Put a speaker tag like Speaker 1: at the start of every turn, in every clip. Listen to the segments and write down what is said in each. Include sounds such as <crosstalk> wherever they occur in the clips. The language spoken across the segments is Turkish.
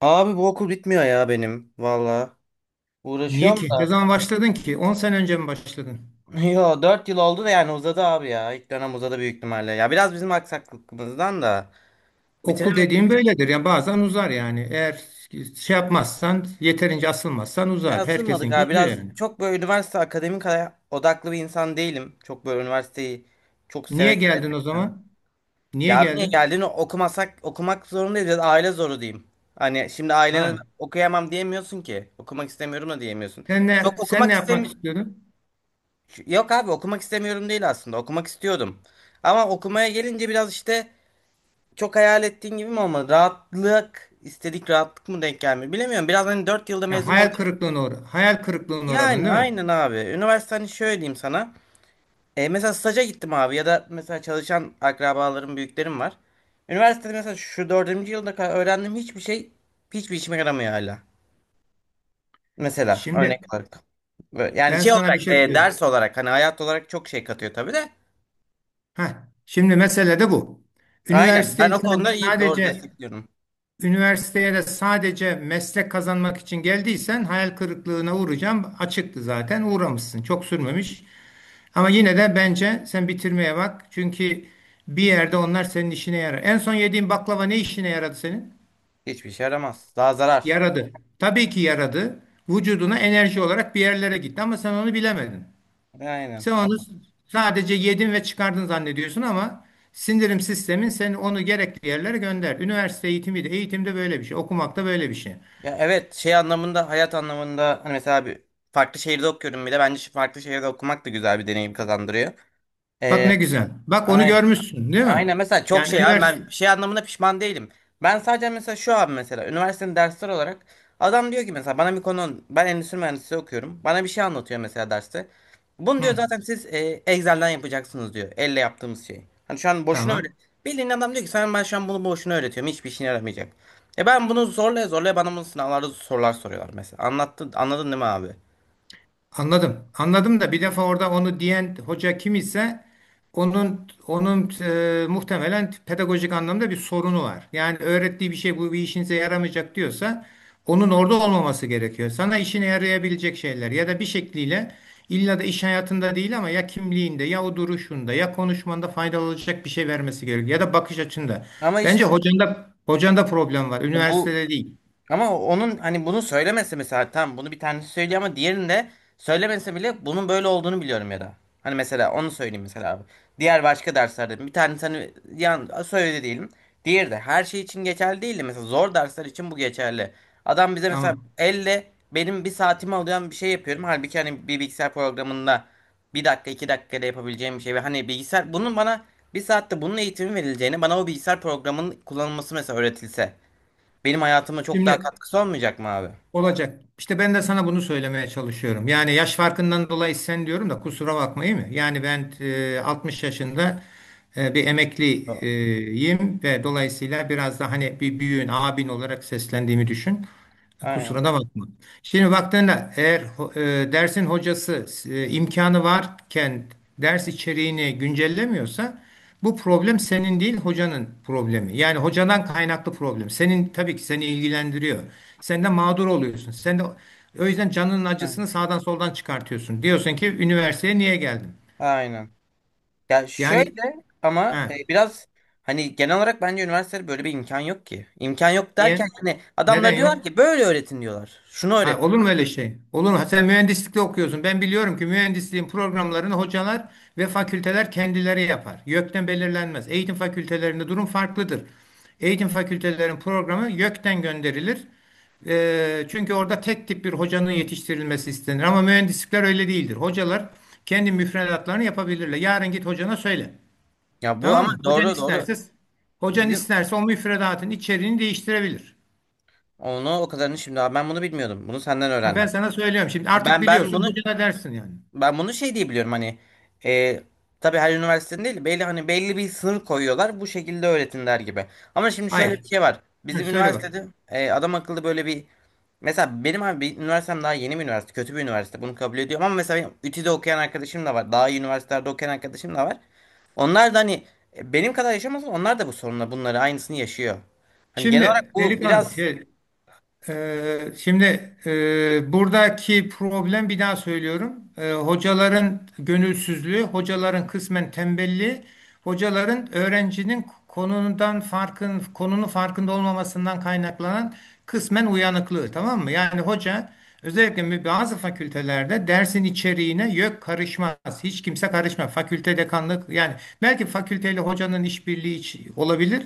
Speaker 1: Abi bu okul bitmiyor ya benim. Valla.
Speaker 2: Niye
Speaker 1: Uğraşıyorum
Speaker 2: ki? Ne
Speaker 1: da.
Speaker 2: zaman başladın ki? 10 sene önce mi başladın?
Speaker 1: <laughs> Yo, 4 yıl oldu da yani uzadı abi ya. İlk dönem uzadı büyük ihtimalle. Ya biraz bizim aksaklıkımızdan da
Speaker 2: Okul
Speaker 1: bitiremedik
Speaker 2: dediğim
Speaker 1: de.
Speaker 2: böyledir. Yani bazen uzar yani. Eğer şey yapmazsan, yeterince asılmazsan
Speaker 1: Ya
Speaker 2: uzar.
Speaker 1: ısınmadık
Speaker 2: Herkesinki
Speaker 1: abi
Speaker 2: uzuyor
Speaker 1: biraz.
Speaker 2: yani.
Speaker 1: Çok böyle üniversite akademik odaklı bir insan değilim. Çok böyle üniversiteyi çok seve
Speaker 2: Niye
Speaker 1: seve
Speaker 2: geldin o
Speaker 1: gittim.
Speaker 2: zaman? Niye
Speaker 1: Ya abi niye
Speaker 2: geldin?
Speaker 1: geldiğini okumasak okumak zorundayız ya da aile zoru diyeyim. Hani şimdi ailene
Speaker 2: Ha.
Speaker 1: okuyamam diyemiyorsun ki. Okumak istemiyorum da diyemiyorsun.
Speaker 2: Sen ne
Speaker 1: Çok
Speaker 2: sen
Speaker 1: okumak
Speaker 2: ne yapmak
Speaker 1: istemiyorum.
Speaker 2: istiyordun?
Speaker 1: Yok abi okumak istemiyorum değil aslında. Okumak istiyordum. Ama okumaya gelince biraz işte çok hayal ettiğin gibi mi olmadı? Rahatlık, istedik rahatlık mı denk gelmiyor? Bilemiyorum. Biraz hani 4 yılda
Speaker 2: Ya
Speaker 1: mezun olacak.
Speaker 2: hayal kırıklığına uğradın
Speaker 1: Yani
Speaker 2: değil mi?
Speaker 1: aynen abi. Üniversite hani şöyle diyeyim sana. Mesela staja gittim abi ya da mesela çalışan akrabalarım, büyüklerim var. Üniversitede mesela şu dördüncü yılda kadar öğrendiğim hiçbir şey hiçbir işime yaramıyor hala. Mesela
Speaker 2: Şimdi
Speaker 1: örnek olarak. Yani
Speaker 2: ben
Speaker 1: şey
Speaker 2: sana bir
Speaker 1: olarak
Speaker 2: şey söyleyeyim.
Speaker 1: ders olarak hani hayat olarak çok şey katıyor tabii de.
Speaker 2: Ha. Şimdi mesele de bu.
Speaker 1: Aynen. Ben
Speaker 2: Üniversiteyi
Speaker 1: o
Speaker 2: sen
Speaker 1: konuda iyi doğru
Speaker 2: sadece
Speaker 1: destekliyorum.
Speaker 2: Üniversiteye de sadece meslek kazanmak için geldiysen hayal kırıklığına uğrayacağım. Açıktı zaten uğramışsın. Çok sürmemiş. Ama yine de bence sen bitirmeye bak. Çünkü bir yerde onlar senin işine yarar. En son yediğin baklava ne işine yaradı senin?
Speaker 1: Hiçbir şey yaramaz. Daha zarar.
Speaker 2: Yaradı. Tabii ki yaradı. Vücuduna enerji olarak bir yerlere gitti ama sen onu bilemedin.
Speaker 1: Aynen.
Speaker 2: Sen onu sadece yedin ve çıkardın zannediyorsun ama sindirim sistemin seni onu gerekli yerlere gönder. Üniversite eğitimi de eğitimde böyle bir şey. Okumak da böyle bir şey.
Speaker 1: Ya evet şey anlamında hayat anlamında hani mesela bir farklı şehirde okuyorum bir de bence şu farklı şehirde okumak da güzel bir deneyim kazandırıyor.
Speaker 2: Bak
Speaker 1: Ee,
Speaker 2: ne güzel. Bak onu
Speaker 1: aynen.
Speaker 2: görmüşsün değil mi?
Speaker 1: Aynen mesela çok
Speaker 2: Yani
Speaker 1: şey abi
Speaker 2: üniversite.
Speaker 1: ben şey anlamında pişman değilim. Ben sadece mesela şu an mesela üniversitenin dersler olarak adam diyor ki mesela bana bir konu ben endüstri mühendisliği okuyorum. Bana bir şey anlatıyor mesela derste. Bunu
Speaker 2: Hı,
Speaker 1: diyor zaten siz Excel'den yapacaksınız diyor. Elle yaptığımız şey. Hani şu an boşuna öyle.
Speaker 2: tamam.
Speaker 1: Bildiğin adam diyor ki sen ben şu an bunu boşuna öğretiyorum. Hiçbir işine yaramayacak. E, ben bunu zorlaya zorlaya bana bunu sınavlarda sorular soruyorlar mesela. Anlattın, anladın değil mi abi?
Speaker 2: Anladım. Anladım da bir defa orada onu diyen hoca kim ise onun onun muhtemelen pedagojik anlamda bir sorunu var. Yani öğrettiği bir şey bu bir işinize yaramayacak diyorsa onun orada olmaması gerekiyor. Sana işine yarayabilecek şeyler ya da bir şekliyle illa da iş hayatında değil ama ya kimliğinde ya o duruşunda ya konuşmanda faydalı olacak bir şey vermesi gerekiyor ya da bakış açında.
Speaker 1: Ama
Speaker 2: Bence
Speaker 1: işte
Speaker 2: hocanda problem var.
Speaker 1: bu.
Speaker 2: Üniversitede değil.
Speaker 1: Ama onun hani bunu söylemese mesela tamam bunu bir tanesi söylüyor ama diğerini de söylemese bile bunun böyle olduğunu biliyorum ya da. Hani mesela onu söyleyeyim mesela abi. Diğer başka derslerde bir tanesi hani söyledi diyelim. Diğeri de her şey için geçerli değil de mesela zor dersler için bu geçerli. Adam bize mesela
Speaker 2: Tamam.
Speaker 1: elle benim bir saatimi alıyor bir şey yapıyorum. Halbuki hani bir bilgisayar programında bir dakika 2 dakikada yapabileceğim bir şey. Ve hani bilgisayar bunun bana bir saatte bunun eğitimi verileceğini bana o bilgisayar programının kullanılması mesela öğretilse. Benim hayatıma çok daha
Speaker 2: Şimdi
Speaker 1: katkısı olmayacak mı abi?
Speaker 2: olacak. İşte ben de sana bunu söylemeye çalışıyorum. Yani yaş farkından dolayı sen diyorum da kusura bakmayın mı? Yani ben 60 yaşında bir
Speaker 1: A-
Speaker 2: emekliyim ve dolayısıyla biraz da hani bir büyüğün, abin olarak seslendiğimi düşün.
Speaker 1: Aynen.
Speaker 2: Kusura da bakma. Şimdi baktığında eğer dersin hocası imkanı varken ders içeriğini güncellemiyorsa bu problem senin değil hocanın problemi. Yani hocadan kaynaklı problem. Senin tabii ki seni ilgilendiriyor. Sen de mağdur oluyorsun. Sen de o yüzden canının
Speaker 1: Aynen.
Speaker 2: acısını sağdan soldan çıkartıyorsun. Diyorsun ki üniversiteye niye geldim?
Speaker 1: Aynen. Ya
Speaker 2: Yani
Speaker 1: şöyle ama
Speaker 2: ha,
Speaker 1: biraz hani genel olarak bence üniversitede böyle bir imkan yok ki. İmkan yok derken
Speaker 2: niye?
Speaker 1: hani
Speaker 2: Neden
Speaker 1: adamlar diyorlar
Speaker 2: yok?
Speaker 1: ki böyle öğretin diyorlar. Şunu
Speaker 2: Ha,
Speaker 1: öğret.
Speaker 2: olur mu öyle şey? Olur mu? Sen mühendislikte okuyorsun. Ben biliyorum ki mühendisliğin programlarını hocalar ve fakülteler kendileri yapar. YÖK'ten belirlenmez. Eğitim fakültelerinde durum farklıdır. Eğitim fakültelerin programı YÖK'ten gönderilir. Çünkü orada tek tip bir hocanın yetiştirilmesi istenir. Ama mühendislikler öyle değildir. Hocalar kendi müfredatlarını yapabilirler. Yarın git hocana söyle.
Speaker 1: Ya bu
Speaker 2: Tamam
Speaker 1: ama
Speaker 2: mı? Hocan
Speaker 1: doğru doğru
Speaker 2: isterse, hocan
Speaker 1: bilim.
Speaker 2: isterse o müfredatın içeriğini değiştirebilir.
Speaker 1: Onu o kadarını şimdi abi ben bunu bilmiyordum. Bunu senden
Speaker 2: Ha, ben
Speaker 1: öğrendim.
Speaker 2: sana söylüyorum şimdi. Artık
Speaker 1: Ben
Speaker 2: biliyorsun
Speaker 1: bunu
Speaker 2: hocana dersin yani.
Speaker 1: Ben bunu şey diye biliyorum hani e, tabii her üniversitenin değil belli hani belli bir sınır koyuyorlar bu şekilde öğretin gibi. Ama şimdi şöyle
Speaker 2: Hayır.
Speaker 1: bir şey var.
Speaker 2: Hı,
Speaker 1: Bizim
Speaker 2: söyle bak.
Speaker 1: üniversitede adam akıllı böyle bir mesela benim abi bir üniversitem daha yeni bir üniversite kötü bir üniversite bunu kabul ediyorum ama mesela benim ÜTÜ'de okuyan arkadaşım da var. Daha iyi üniversitelerde okuyan arkadaşım da var. Onlar da hani benim kadar yaşamasa onlar da bu sorunla bunları aynısını yaşıyor. Hani genel olarak
Speaker 2: Şimdi
Speaker 1: bu
Speaker 2: delikanlı
Speaker 1: biraz.
Speaker 2: şey, buradaki problem bir daha söylüyorum. Hocaların gönülsüzlüğü, hocaların kısmen tembelliği, hocaların öğrencinin konunun farkında olmamasından kaynaklanan kısmen uyanıklığı, tamam mı? Yani hoca özellikle bazı fakültelerde dersin içeriğine yok karışmaz. Hiç kimse karışmaz. Fakülte dekanlık yani belki fakülteyle hocanın olabilir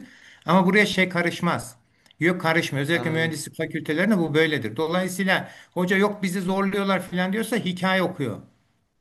Speaker 2: ama buraya şey karışmaz. Yok karışmıyor. Özellikle
Speaker 1: Anladım.
Speaker 2: mühendislik fakültelerinde bu böyledir. Dolayısıyla hoca yok bizi zorluyorlar falan diyorsa hikaye okuyor.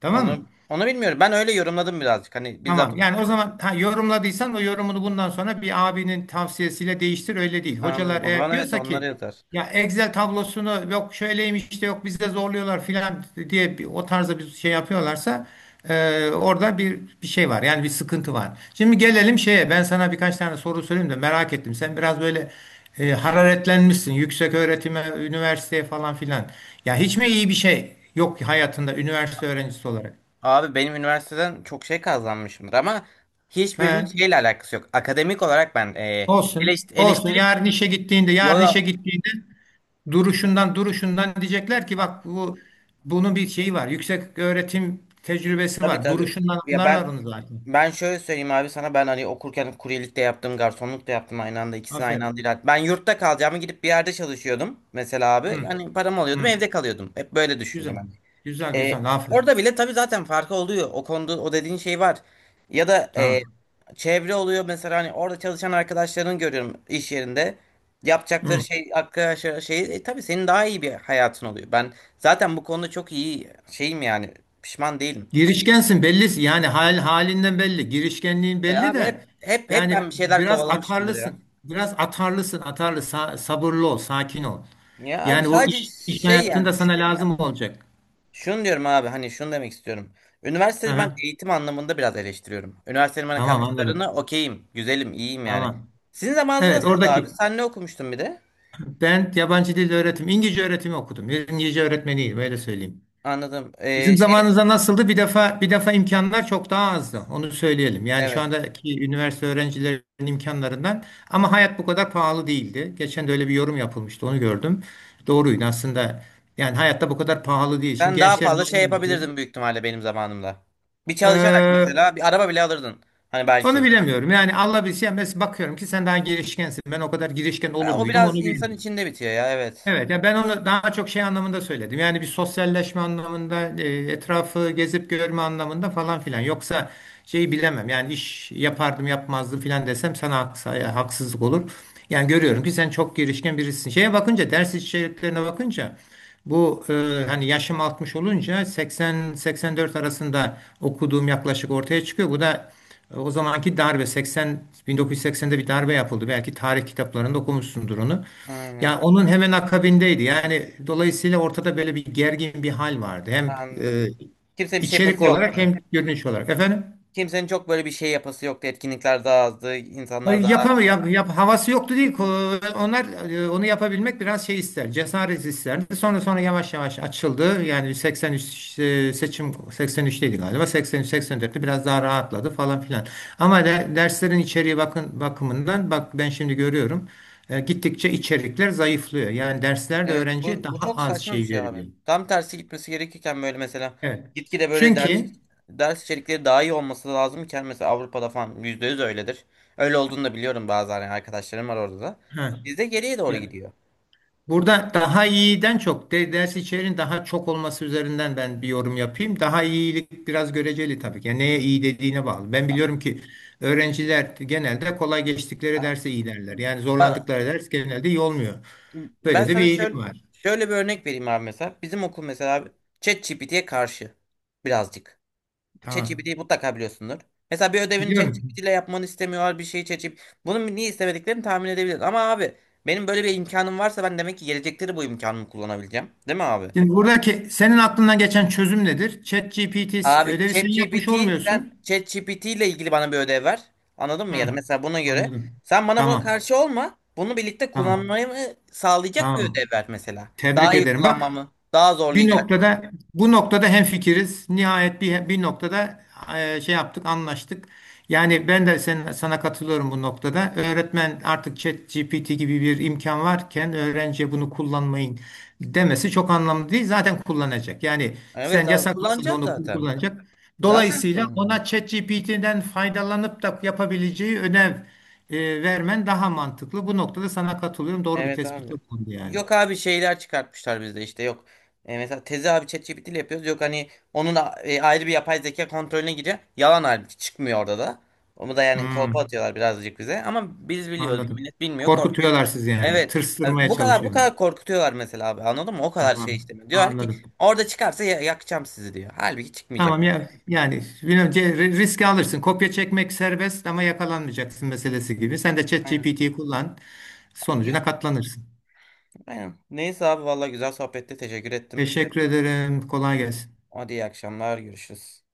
Speaker 2: Tamam
Speaker 1: Onu
Speaker 2: mı?
Speaker 1: onu bilmiyorum. Ben öyle yorumladım birazcık. Hani bizzat.
Speaker 2: Tamam. Yani o zaman yorumladıysan o yorumunu bundan sonra bir abinin tavsiyesiyle değiştir öyle değil.
Speaker 1: Anladım.
Speaker 2: Hocalar
Speaker 1: O
Speaker 2: eğer
Speaker 1: zaman evet
Speaker 2: diyorsa
Speaker 1: onları
Speaker 2: ki
Speaker 1: yazar.
Speaker 2: ya Excel tablosunu yok şöyleymiş de yok bizde zorluyorlar filan diye o tarzda bir şey yapıyorlarsa orada bir şey var. Yani bir sıkıntı var. Şimdi gelelim şeye. Ben sana birkaç tane soru sorayım da merak ettim. Sen biraz böyle hararetlenmişsin. Yüksek öğretime, üniversiteye falan filan. Ya hiç mi iyi bir şey yok hayatında üniversite öğrencisi olarak?
Speaker 1: Abi benim üniversiteden çok şey kazanmışımdır ama
Speaker 2: He.
Speaker 1: hiçbirinin şeyle alakası yok. Akademik olarak ben
Speaker 2: Olsun.
Speaker 1: eleşt-
Speaker 2: Olsun.
Speaker 1: eleştirim
Speaker 2: Yarın işe gittiğinde,
Speaker 1: Yo,
Speaker 2: yarın işe gittiğinde duruşundan diyecekler ki bak bunun bir şeyi var. Yüksek öğretim tecrübesi
Speaker 1: tabi
Speaker 2: var.
Speaker 1: tabi,
Speaker 2: Duruşundan
Speaker 1: ya
Speaker 2: anlarlar
Speaker 1: ben
Speaker 2: onu zaten.
Speaker 1: ben şöyle söyleyeyim abi sana ben hani okurken kuryelik de yaptım garsonluk da yaptım aynı anda ikisini aynı
Speaker 2: Aferin.
Speaker 1: anda ilerledim. Ben yurtta kalacağımı gidip bir yerde çalışıyordum mesela abi
Speaker 2: Hı,
Speaker 1: yani param alıyordum
Speaker 2: hı.
Speaker 1: evde kalıyordum hep böyle düşündüm
Speaker 2: Güzel.
Speaker 1: ben.
Speaker 2: Güzel güzel. Aferin.
Speaker 1: Orada bile tabii zaten farkı oluyor. O konuda o dediğin şey var. Ya da
Speaker 2: Tamam.
Speaker 1: çevre oluyor mesela hani orada çalışan arkadaşlarını görüyorum iş yerinde. Yapacakları
Speaker 2: Hı.
Speaker 1: şey arkadaşlar şey tabii senin daha iyi bir hayatın oluyor. Ben zaten bu konuda çok iyi şeyim yani pişman değilim.
Speaker 2: Girişkensin belli. Yani halinden belli. Girişkenliğin belli
Speaker 1: Abi hep
Speaker 2: de
Speaker 1: hep hep
Speaker 2: yani
Speaker 1: ben bir şeyler
Speaker 2: biraz
Speaker 1: kovalamışımdır ya.
Speaker 2: atarlısın. Biraz atarlısın. Atarlı. Sabırlı ol. Sakin ol.
Speaker 1: Ya abi
Speaker 2: Yani o
Speaker 1: sadece
Speaker 2: iş, iş
Speaker 1: şey
Speaker 2: hayatında
Speaker 1: yani.
Speaker 2: sana lazım olacak.
Speaker 1: Şunu diyorum abi hani şunu demek istiyorum. Üniversiteyi ben
Speaker 2: Aha.
Speaker 1: eğitim anlamında biraz eleştiriyorum. Üniversitenin bana
Speaker 2: Tamam
Speaker 1: kattıklarını
Speaker 2: anladım.
Speaker 1: okeyim, güzelim, iyiyim yani.
Speaker 2: Tamam.
Speaker 1: Sizin zamanınız
Speaker 2: Evet
Speaker 1: nasıldı abi?
Speaker 2: oradaki
Speaker 1: Sen ne okumuştun bir de?
Speaker 2: ben yabancı dil öğretim İngilizce öğretimi okudum. İngilizce öğretmeniyim öyle söyleyeyim.
Speaker 1: Anladım.
Speaker 2: Bizim
Speaker 1: Şeylik,
Speaker 2: zamanımızda nasıldı? Bir defa bir defa imkanlar çok daha azdı. Onu söyleyelim. Yani şu
Speaker 1: evet.
Speaker 2: andaki üniversite öğrencilerinin imkanlarından ama hayat bu kadar pahalı değildi. Geçen de öyle bir yorum yapılmıştı. Onu gördüm. Doğruydu aslında. Yani hayatta bu kadar pahalı değil. Şimdi
Speaker 1: Ben daha
Speaker 2: gençlerin
Speaker 1: fazla şey
Speaker 2: haline bakıyorum.
Speaker 1: yapabilirdim büyük ihtimalle benim zamanımda. Bir çalışarak
Speaker 2: Ee,
Speaker 1: mesela bir araba bile alırdın. Hani
Speaker 2: Onu
Speaker 1: belki.
Speaker 2: bilemiyorum. Yani Allah bilsin. Mesela bakıyorum ki sen daha girişkensin. Ben o kadar girişken olur
Speaker 1: Ha, o
Speaker 2: muydum onu
Speaker 1: biraz insan
Speaker 2: bilmiyorum.
Speaker 1: içinde bitiyor ya evet.
Speaker 2: Evet, ya ben onu daha çok şey anlamında söyledim. Yani bir sosyalleşme anlamında, etrafı gezip görme anlamında falan filan. Yoksa şeyi bilemem. Yani iş yapardım yapmazdım filan desem sana haksızlık olur. Yani görüyorum ki sen çok girişken birisin. Şeye bakınca, ders içeriklerine bakınca bu hani yaşım 60 olunca 80-84 arasında okuduğum yaklaşık ortaya çıkıyor. Bu da o zamanki darbe 80 1980'de bir darbe yapıldı. Belki tarih kitaplarında okumuşsundur onu.
Speaker 1: Aynen.
Speaker 2: Yani onun hemen akabindeydi. Yani dolayısıyla ortada böyle bir gergin bir hal vardı. Hem e,
Speaker 1: Anladım. Kimsenin bir şey
Speaker 2: içerik
Speaker 1: yapası yoktu.
Speaker 2: olarak hem görünüş olarak. Efendim?
Speaker 1: Kimsenin çok böyle bir şey yapası yoktu. Etkinlikler daha azdı.
Speaker 2: Hayır,
Speaker 1: İnsanlar daha.
Speaker 2: yapamıyor. Havası yoktu değil. Onlar onu yapabilmek biraz şey ister. Cesaret isterdi. Sonra yavaş yavaş açıldı. Yani seçim 83'teydi galiba. 83 84'te biraz daha rahatladı falan filan. Ama derslerin içeriği bakımından bak ben şimdi görüyorum. Gittikçe içerikler zayıflıyor. Yani derslerde
Speaker 1: Evet,
Speaker 2: öğrenciye
Speaker 1: bu
Speaker 2: daha
Speaker 1: çok
Speaker 2: az
Speaker 1: saçma bir
Speaker 2: şey
Speaker 1: şey abi.
Speaker 2: veriliyor.
Speaker 1: Tam tersi gitmesi gerekirken böyle mesela
Speaker 2: Evet.
Speaker 1: gitgide böyle ders
Speaker 2: Çünkü
Speaker 1: ders içerikleri daha iyi olması lazımken mesela Avrupa'da falan %100 öyledir. Öyle olduğunu da biliyorum bazı yani arkadaşlarım var orada da.
Speaker 2: ha,
Speaker 1: Bizde geriye doğru
Speaker 2: ya-
Speaker 1: gidiyor.
Speaker 2: burada daha iyiden çok ders içeriğin daha çok olması üzerinden ben bir yorum yapayım. Daha iyilik biraz göreceli tabii ki. Yani neye iyi dediğine bağlı. Ben biliyorum ki öğrenciler genelde kolay geçtikleri derse iyi derler. Yani
Speaker 1: Ba-
Speaker 2: zorlandıkları ders genelde iyi olmuyor.
Speaker 1: Ben
Speaker 2: Böyle de bir
Speaker 1: sana
Speaker 2: eğilim
Speaker 1: şöyle
Speaker 2: var.
Speaker 1: şöyle bir örnek vereyim abi mesela. Bizim okul mesela abi ChatGPT'ye karşı birazcık.
Speaker 2: Tamam.
Speaker 1: ChatGPT'yi mutlaka biliyorsundur. Mesela bir ödevini
Speaker 2: Biliyorum.
Speaker 1: ChatGPT ile yapmanı istemiyorlar bir şeyi ChatGPT. Bunun niye istemediklerini tahmin edebiliriz. Ama abi benim böyle bir imkanım varsa ben demek ki gelecekleri bu imkanımı kullanabileceğim. Değil mi abi?
Speaker 2: Şimdi buradaki senin aklından geçen çözüm nedir? ChatGPT
Speaker 1: Abi
Speaker 2: ödevi sen yapmış
Speaker 1: ChatGPT sen
Speaker 2: olmuyorsun.
Speaker 1: ChatGPT ile ilgili bana bir ödev ver. Anladın mı? Ya da
Speaker 2: Hı,
Speaker 1: mesela buna göre
Speaker 2: anladım.
Speaker 1: sen bana buna
Speaker 2: Tamam.
Speaker 1: karşı olma. Bunu birlikte
Speaker 2: Tamam.
Speaker 1: kullanmayı mı sağlayacak bir ödev
Speaker 2: Tamam.
Speaker 1: ver mesela. Daha
Speaker 2: Tebrik
Speaker 1: iyi
Speaker 2: ederim. Bak
Speaker 1: kullanmamı, daha
Speaker 2: Bir
Speaker 1: zorlayacak.
Speaker 2: noktada bu noktada hemfikiriz. Nihayet bir noktada şey yaptık, anlaştık. Yani ben de sana katılıyorum bu noktada. Öğretmen artık ChatGPT gibi bir imkan varken öğrenciye bunu kullanmayın demesi çok anlamlı değil. Zaten kullanacak. Yani
Speaker 1: Evet
Speaker 2: sen
Speaker 1: abi
Speaker 2: yasaklasan da
Speaker 1: kullanacağım
Speaker 2: onu
Speaker 1: zaten.
Speaker 2: kullanacak.
Speaker 1: Zaten
Speaker 2: Dolayısıyla
Speaker 1: kullanacağım.
Speaker 2: ona ChatGPT'den faydalanıp da yapabileceği ödev vermen daha mantıklı. Bu noktada sana katılıyorum. Doğru bir
Speaker 1: Evet
Speaker 2: tespitte
Speaker 1: abi.
Speaker 2: bulundu yani.
Speaker 1: Yok abi şeyler çıkartmışlar bizde işte yok. Mesela tezi abi ChatGPT ile yapıyoruz. Yok hani onun ayrı bir yapay zeka kontrolüne giriyor. Yalan halbuki çıkmıyor orada da. Onu da yani kolpa
Speaker 2: Hmm.
Speaker 1: atıyorlar birazcık bize. Ama biz biliyoruz.
Speaker 2: Anladım.
Speaker 1: Millet bilmiyor korkuyor.
Speaker 2: Korkutuyorlar sizi yani.
Speaker 1: Evet. Yani
Speaker 2: Tırstırmaya
Speaker 1: bu kadar bu
Speaker 2: çalışıyorlar.
Speaker 1: kadar korkutuyorlar mesela abi anladın mı? O kadar şey
Speaker 2: Tamam.
Speaker 1: istemiyor. Diyorlar ki
Speaker 2: Anladım.
Speaker 1: orada çıkarsa yakacağım sizi diyor. Halbuki çıkmayacak.
Speaker 2: Tamam ya yani bilmiyorum, riski alırsın. Kopya çekmek serbest ama yakalanmayacaksın meselesi gibi. Sen de
Speaker 1: Aynen.
Speaker 2: ChatGPT'yi kullan.
Speaker 1: Yok
Speaker 2: Sonucuna katlanırsın.
Speaker 1: aynen. Neyse abi vallahi güzel sohbette teşekkür ettim.
Speaker 2: Teşekkür ederim. Kolay gelsin.
Speaker 1: Hadi iyi akşamlar görüşürüz.